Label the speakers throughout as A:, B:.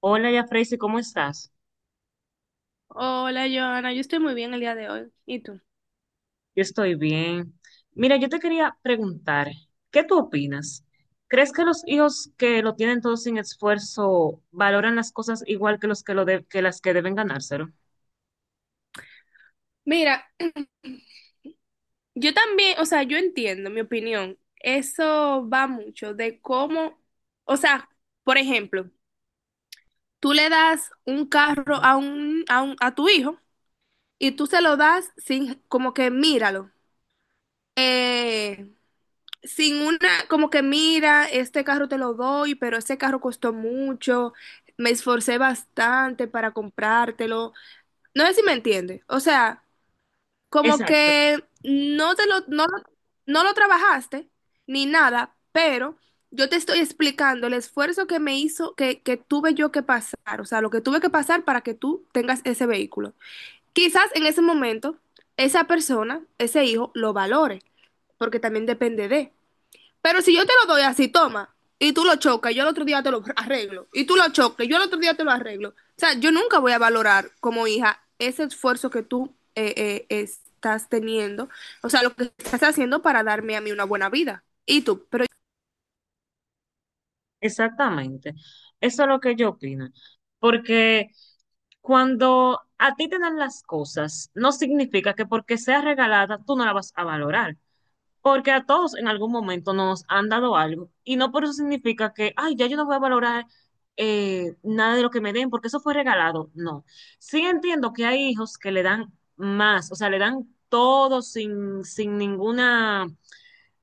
A: Hola, ya Freysi, ¿cómo estás?
B: Hola, Joana, yo estoy muy bien el día de hoy. ¿Y tú?
A: Yo estoy bien. Mira, yo te quería preguntar, ¿qué tú opinas? ¿Crees que los hijos que lo tienen todo sin esfuerzo valoran las cosas igual que los que lo de- que las que deben ganárselo?
B: Mira, yo también, o sea, yo entiendo, mi opinión, eso va mucho de cómo, o sea, por ejemplo, tú le das un carro a tu hijo y tú se lo das sin, como que míralo, eh, sin una, como que mira, este carro te lo doy, pero este carro costó mucho, me esforcé bastante para comprártelo. No sé si me entiende, o sea. Como
A: Exacto,
B: que no te lo, no lo, no lo trabajaste ni nada, pero yo te estoy explicando el esfuerzo que me hizo, que tuve yo que pasar, o sea, lo que tuve que pasar para que tú tengas ese vehículo. Quizás en ese momento esa persona, ese hijo, lo valore, porque también depende de. Pero si yo te lo doy así, toma, y tú lo chocas, yo al otro día te lo arreglo, y tú lo chocas, yo al otro día te lo arreglo. O sea, yo nunca voy a valorar como hija ese esfuerzo que tú estás teniendo, o sea, lo que estás haciendo para darme a mí una buena vida. Y tú, pero
A: exactamente. Eso es lo que yo opino. Porque cuando a ti te dan las cosas, no significa que porque sea regalada tú no la vas a valorar. Porque a todos en algún momento nos han dado algo y no por eso significa que, ay, ya yo no voy a valorar nada de lo que me den porque eso fue regalado. No. Sí entiendo que hay hijos que le dan más, o sea, le dan todo sin, sin ninguna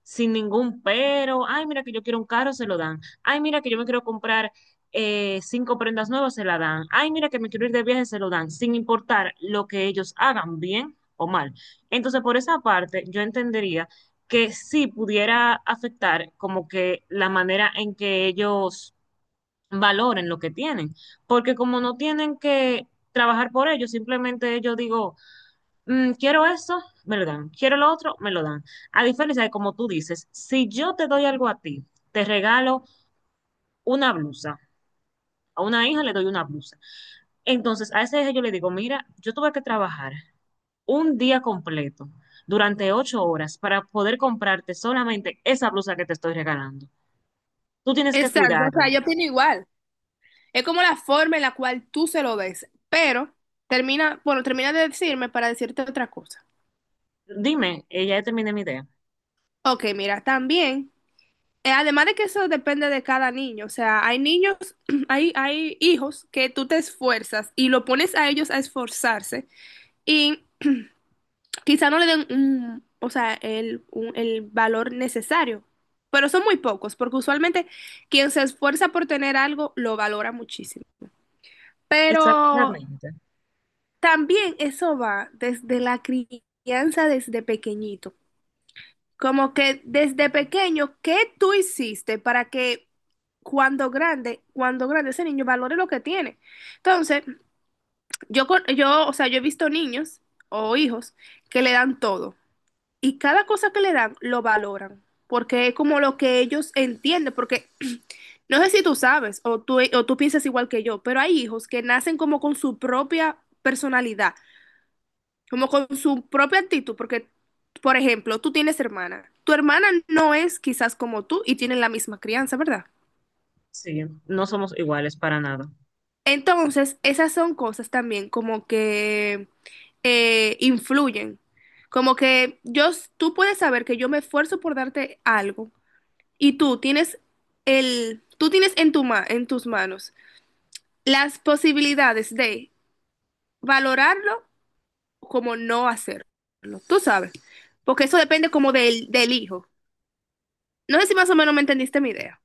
A: sin ningún pero. Ay, mira que yo quiero un carro, se lo dan. Ay, mira que yo me quiero comprar cinco prendas nuevas, se la dan. Ay, mira que me quiero ir de viaje, se lo dan, sin importar lo que ellos hagan, bien o mal. Entonces, por esa parte, yo entendería que sí pudiera afectar como que la manera en que ellos valoren lo que tienen, porque como no tienen que trabajar por ello, simplemente ellos digo, quiero esto, me lo dan, quiero lo otro, me lo dan. A diferencia de como tú dices, si yo te doy algo a ti, te regalo una blusa, a una hija le doy una blusa. Entonces, a esa hija yo le digo, mira, yo tuve que trabajar un día completo durante 8 horas para poder comprarte solamente esa blusa que te estoy regalando. Tú tienes que
B: exacto, o sea,
A: cuidarla.
B: yo opino igual. Es como la forma en la cual tú se lo ves, pero termina, bueno, termina de decirme para decirte otra cosa.
A: Dime, ya terminé mi idea.
B: Ok, mira, también. Además de que eso depende de cada niño, o sea, hay niños, hay hijos que tú te esfuerzas y lo pones a ellos a esforzarse y quizá no le den un, o sea, el, un- el valor necesario, pero son muy pocos, porque usualmente quien se esfuerza por tener algo lo valora muchísimo. Pero
A: Exactamente.
B: también eso va desde la crianza, desde pequeñito. Como que desde pequeño, ¿qué tú hiciste para que cuando grande ese niño valore lo que tiene? Entonces, yo, con- yo, o sea, yo he visto niños o hijos que le dan todo y cada cosa que le dan lo valoran porque es como lo que ellos entienden, porque no sé si tú sabes o tú piensas igual que yo, pero hay hijos que nacen como con su propia personalidad como con su propia actitud, porque, por ejemplo, tú tienes hermana, tu hermana no es quizás como tú y tienen la misma crianza, ¿verdad?
A: Sí, no somos iguales para nada.
B: Entonces, esas son cosas también como que influyen, como que tú puedes saber que yo me esfuerzo por darte algo y tú tienes en en tus manos las posibilidades de valorarlo como no hacerlo, tú sabes, porque eso depende como del hijo. No sé si más o menos me entendiste mi idea.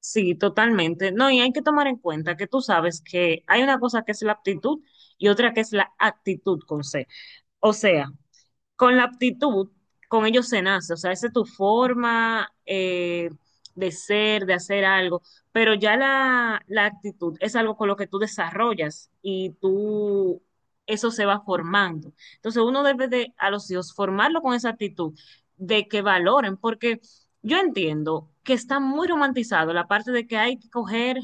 A: Sí, totalmente. No, y hay que tomar en cuenta que tú sabes que hay una cosa que es la aptitud y otra que es la actitud con C. O sea, con la aptitud, con ellos se nace, o sea, esa es tu forma de ser, de hacer algo, pero ya la actitud es algo con lo que tú desarrollas y tú, eso se va formando. Entonces uno debe de, a los hijos, formarlo con esa actitud de que valoren, porque yo entiendo que está muy romantizado la parte de que hay que coger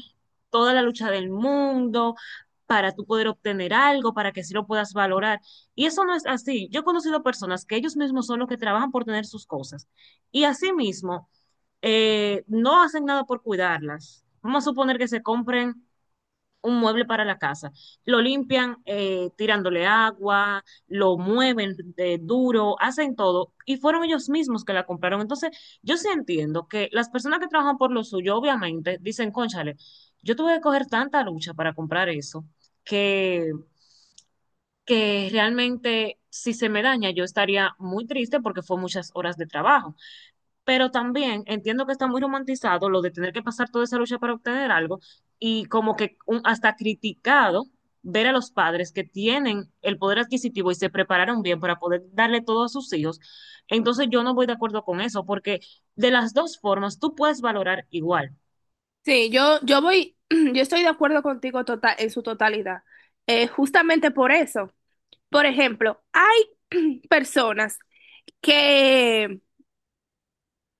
A: toda la lucha del mundo para tú poder obtener algo, para que sí lo puedas valorar. Y eso no es así. Yo he conocido personas que ellos mismos son los que trabajan por tener sus cosas y asimismo no hacen nada por cuidarlas. Vamos a suponer que se compren un mueble para la casa. Lo limpian tirándole agua, lo mueven de duro, hacen todo y fueron ellos mismos que la compraron. Entonces, yo sí entiendo que las personas que trabajan por lo suyo, obviamente, dicen, cónchale, yo tuve que coger tanta lucha para comprar eso que que realmente si se me daña yo estaría muy triste porque fue muchas horas de trabajo. Pero también entiendo que está muy romantizado lo de tener que pasar toda esa lucha para obtener algo y como que hasta criticado ver a los padres que tienen el poder adquisitivo y se prepararon bien para poder darle todo a sus hijos. Entonces yo no voy de acuerdo con eso porque de las dos formas tú puedes valorar igual.
B: Sí, yo estoy de acuerdo contigo total, en su totalidad. Justamente por eso. Por ejemplo, hay personas que,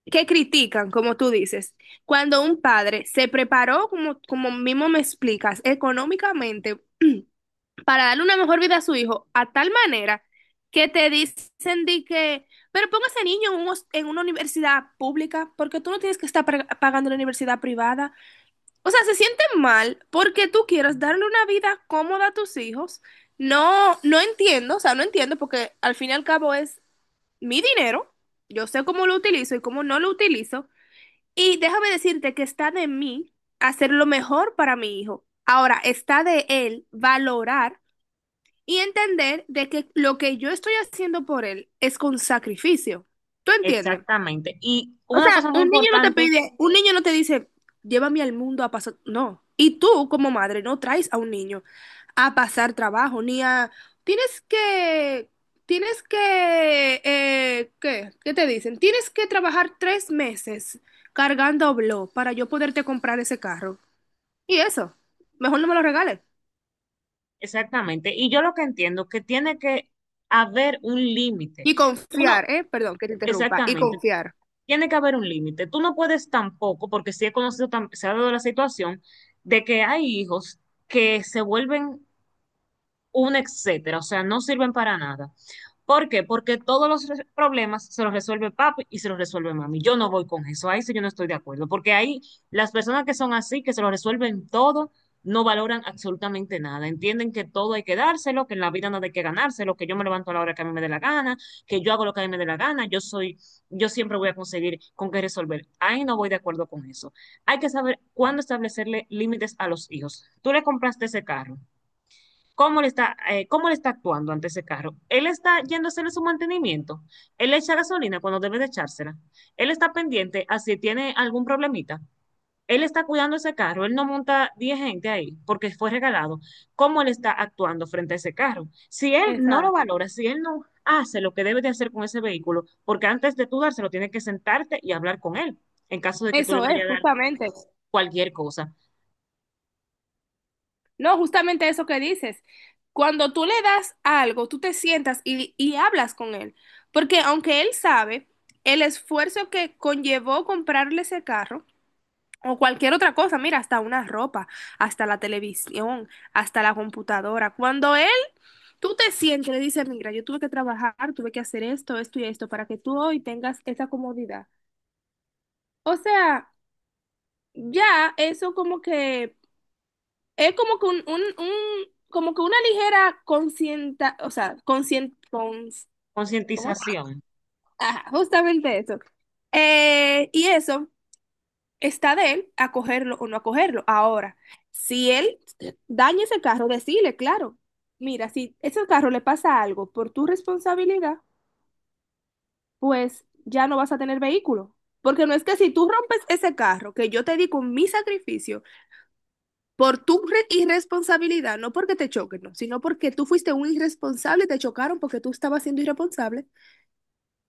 B: que critican, como tú dices, cuando un padre se preparó, como mismo me explicas, económicamente para darle una mejor vida a su hijo, a tal manera que te dicen de que, pero ponga a ese niño un en una universidad pública, porque tú no tienes que estar pagando la universidad privada. O sea, se siente mal porque tú quieres darle una vida cómoda a tus hijos. No, no entiendo, o sea, no entiendo porque al fin y al cabo es mi dinero. Yo sé cómo lo utilizo y cómo no lo utilizo. Y déjame decirte que está de mí hacer lo mejor para mi hijo. Ahora, está de él valorar y entender de que lo que yo estoy haciendo por él es con sacrificio. ¿Tú entiendes?
A: Exactamente. Y
B: O
A: una
B: sea,
A: cosa muy
B: un niño no te
A: importante.
B: pide, un niño no te dice, llévame al mundo a pasar, no. Y tú como madre no traes a un niño a pasar trabajo, ni a, tienes que, tienes que, ¿qué? ¿Qué te dicen? Tienes que trabajar 3 meses cargando blog para yo poderte comprar ese carro. Y eso, mejor no me lo regales.
A: Exactamente. Y yo lo que entiendo es que tiene que haber un límite.
B: Y
A: Tú no,
B: confiar, ¿eh? Perdón, que te interrumpa. Y
A: exactamente,
B: confiar.
A: tiene que haber un límite. Tú no puedes tampoco, porque sí he conocido, se ha dado la situación de que hay hijos que se vuelven un etcétera, o sea, no sirven para nada. ¿Por qué? Porque todos los problemas se los resuelve papi y se los resuelve mami. Yo no voy con eso, ahí sí yo no estoy de acuerdo, porque ahí las personas que son así, que se lo resuelven todo, no valoran absolutamente nada. Entienden que todo hay que dárselo, que en la vida nada hay que ganárselo, que yo me levanto a la hora que a mí me dé la gana, que yo hago lo que a mí me dé la gana, yo soy, yo siempre voy a conseguir con qué resolver. Ahí no voy de acuerdo con eso. Hay que saber cuándo establecerle límites a los hijos. Tú le compraste ese carro, cómo le está actuando ante ese carro. Él está yendo a hacerle su mantenimiento. Él le echa gasolina cuando debe de echársela. Él está pendiente a si tiene algún problemita. Él está cuidando ese carro, él no monta 10 gente ahí porque fue regalado. ¿Cómo él está actuando frente a ese carro? Si él no lo
B: Exacto.
A: valora, si él no hace lo que debe de hacer con ese vehículo, porque antes de tú dárselo, tienes que sentarte y hablar con él, en caso de que tú le
B: Eso es,
A: vayas a dar
B: justamente.
A: cualquier cosa.
B: No, justamente eso que dices. Cuando tú le das algo, tú te sientas y hablas con él. Porque aunque él sabe el esfuerzo que conllevó comprarle ese carro o cualquier otra cosa, mira, hasta una ropa, hasta la televisión, hasta la computadora. Cuando él, tú te sientes, y le dices, mira, yo tuve que trabajar, tuve que hacer esto, esto y esto, para que tú hoy tengas esa comodidad. O sea, ya eso como que es como que un como que una ligera conscienta, o sea, ¿cómo?
A: Concientización,
B: Ajá, justamente eso. Y eso está de él acogerlo o no acogerlo. Ahora, si él daña ese carro, decirle, claro, mira, si ese carro le pasa algo por tu responsabilidad, pues ya no vas a tener vehículo. Porque no es que si tú rompes ese carro que yo te di con mi sacrificio, por tu irresponsabilidad, no porque te choquen, no, sino porque tú fuiste un irresponsable, te chocaron porque tú estabas siendo irresponsable,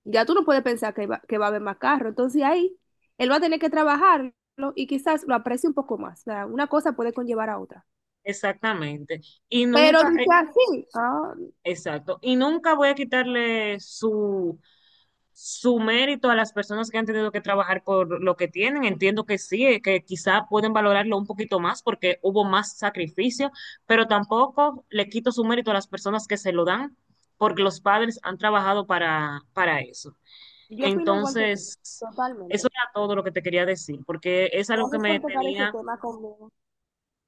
B: ya tú no puedes pensar que va a haber más carro. Entonces ahí él va a tener que trabajarlo y quizás lo aprecie un poco más. O sea, una cosa puede conllevar a otra.
A: exactamente. Y
B: Pero
A: nunca,
B: dice así, ah,
A: exacto. Y nunca voy a quitarle su mérito a las personas que han tenido que trabajar por lo que tienen. Entiendo que sí, que quizá pueden valorarlo un poquito más porque hubo más sacrificio, pero tampoco le quito su mérito a las personas que se lo dan porque los padres han trabajado para eso.
B: yo opino igual que tú,
A: Entonces,
B: totalmente.
A: eso era todo lo que te quería decir, porque es algo que
B: Gracias
A: me
B: por tocar ese
A: tenía,
B: tema conmigo.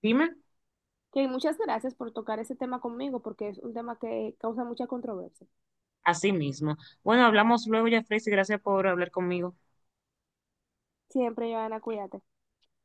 A: dime,
B: Que muchas gracias por tocar ese tema conmigo porque es un tema que causa mucha controversia.
A: a sí mismo. Bueno, hablamos luego, Jeffrey, y gracias por hablar conmigo.
B: Siempre, Joana, cuídate.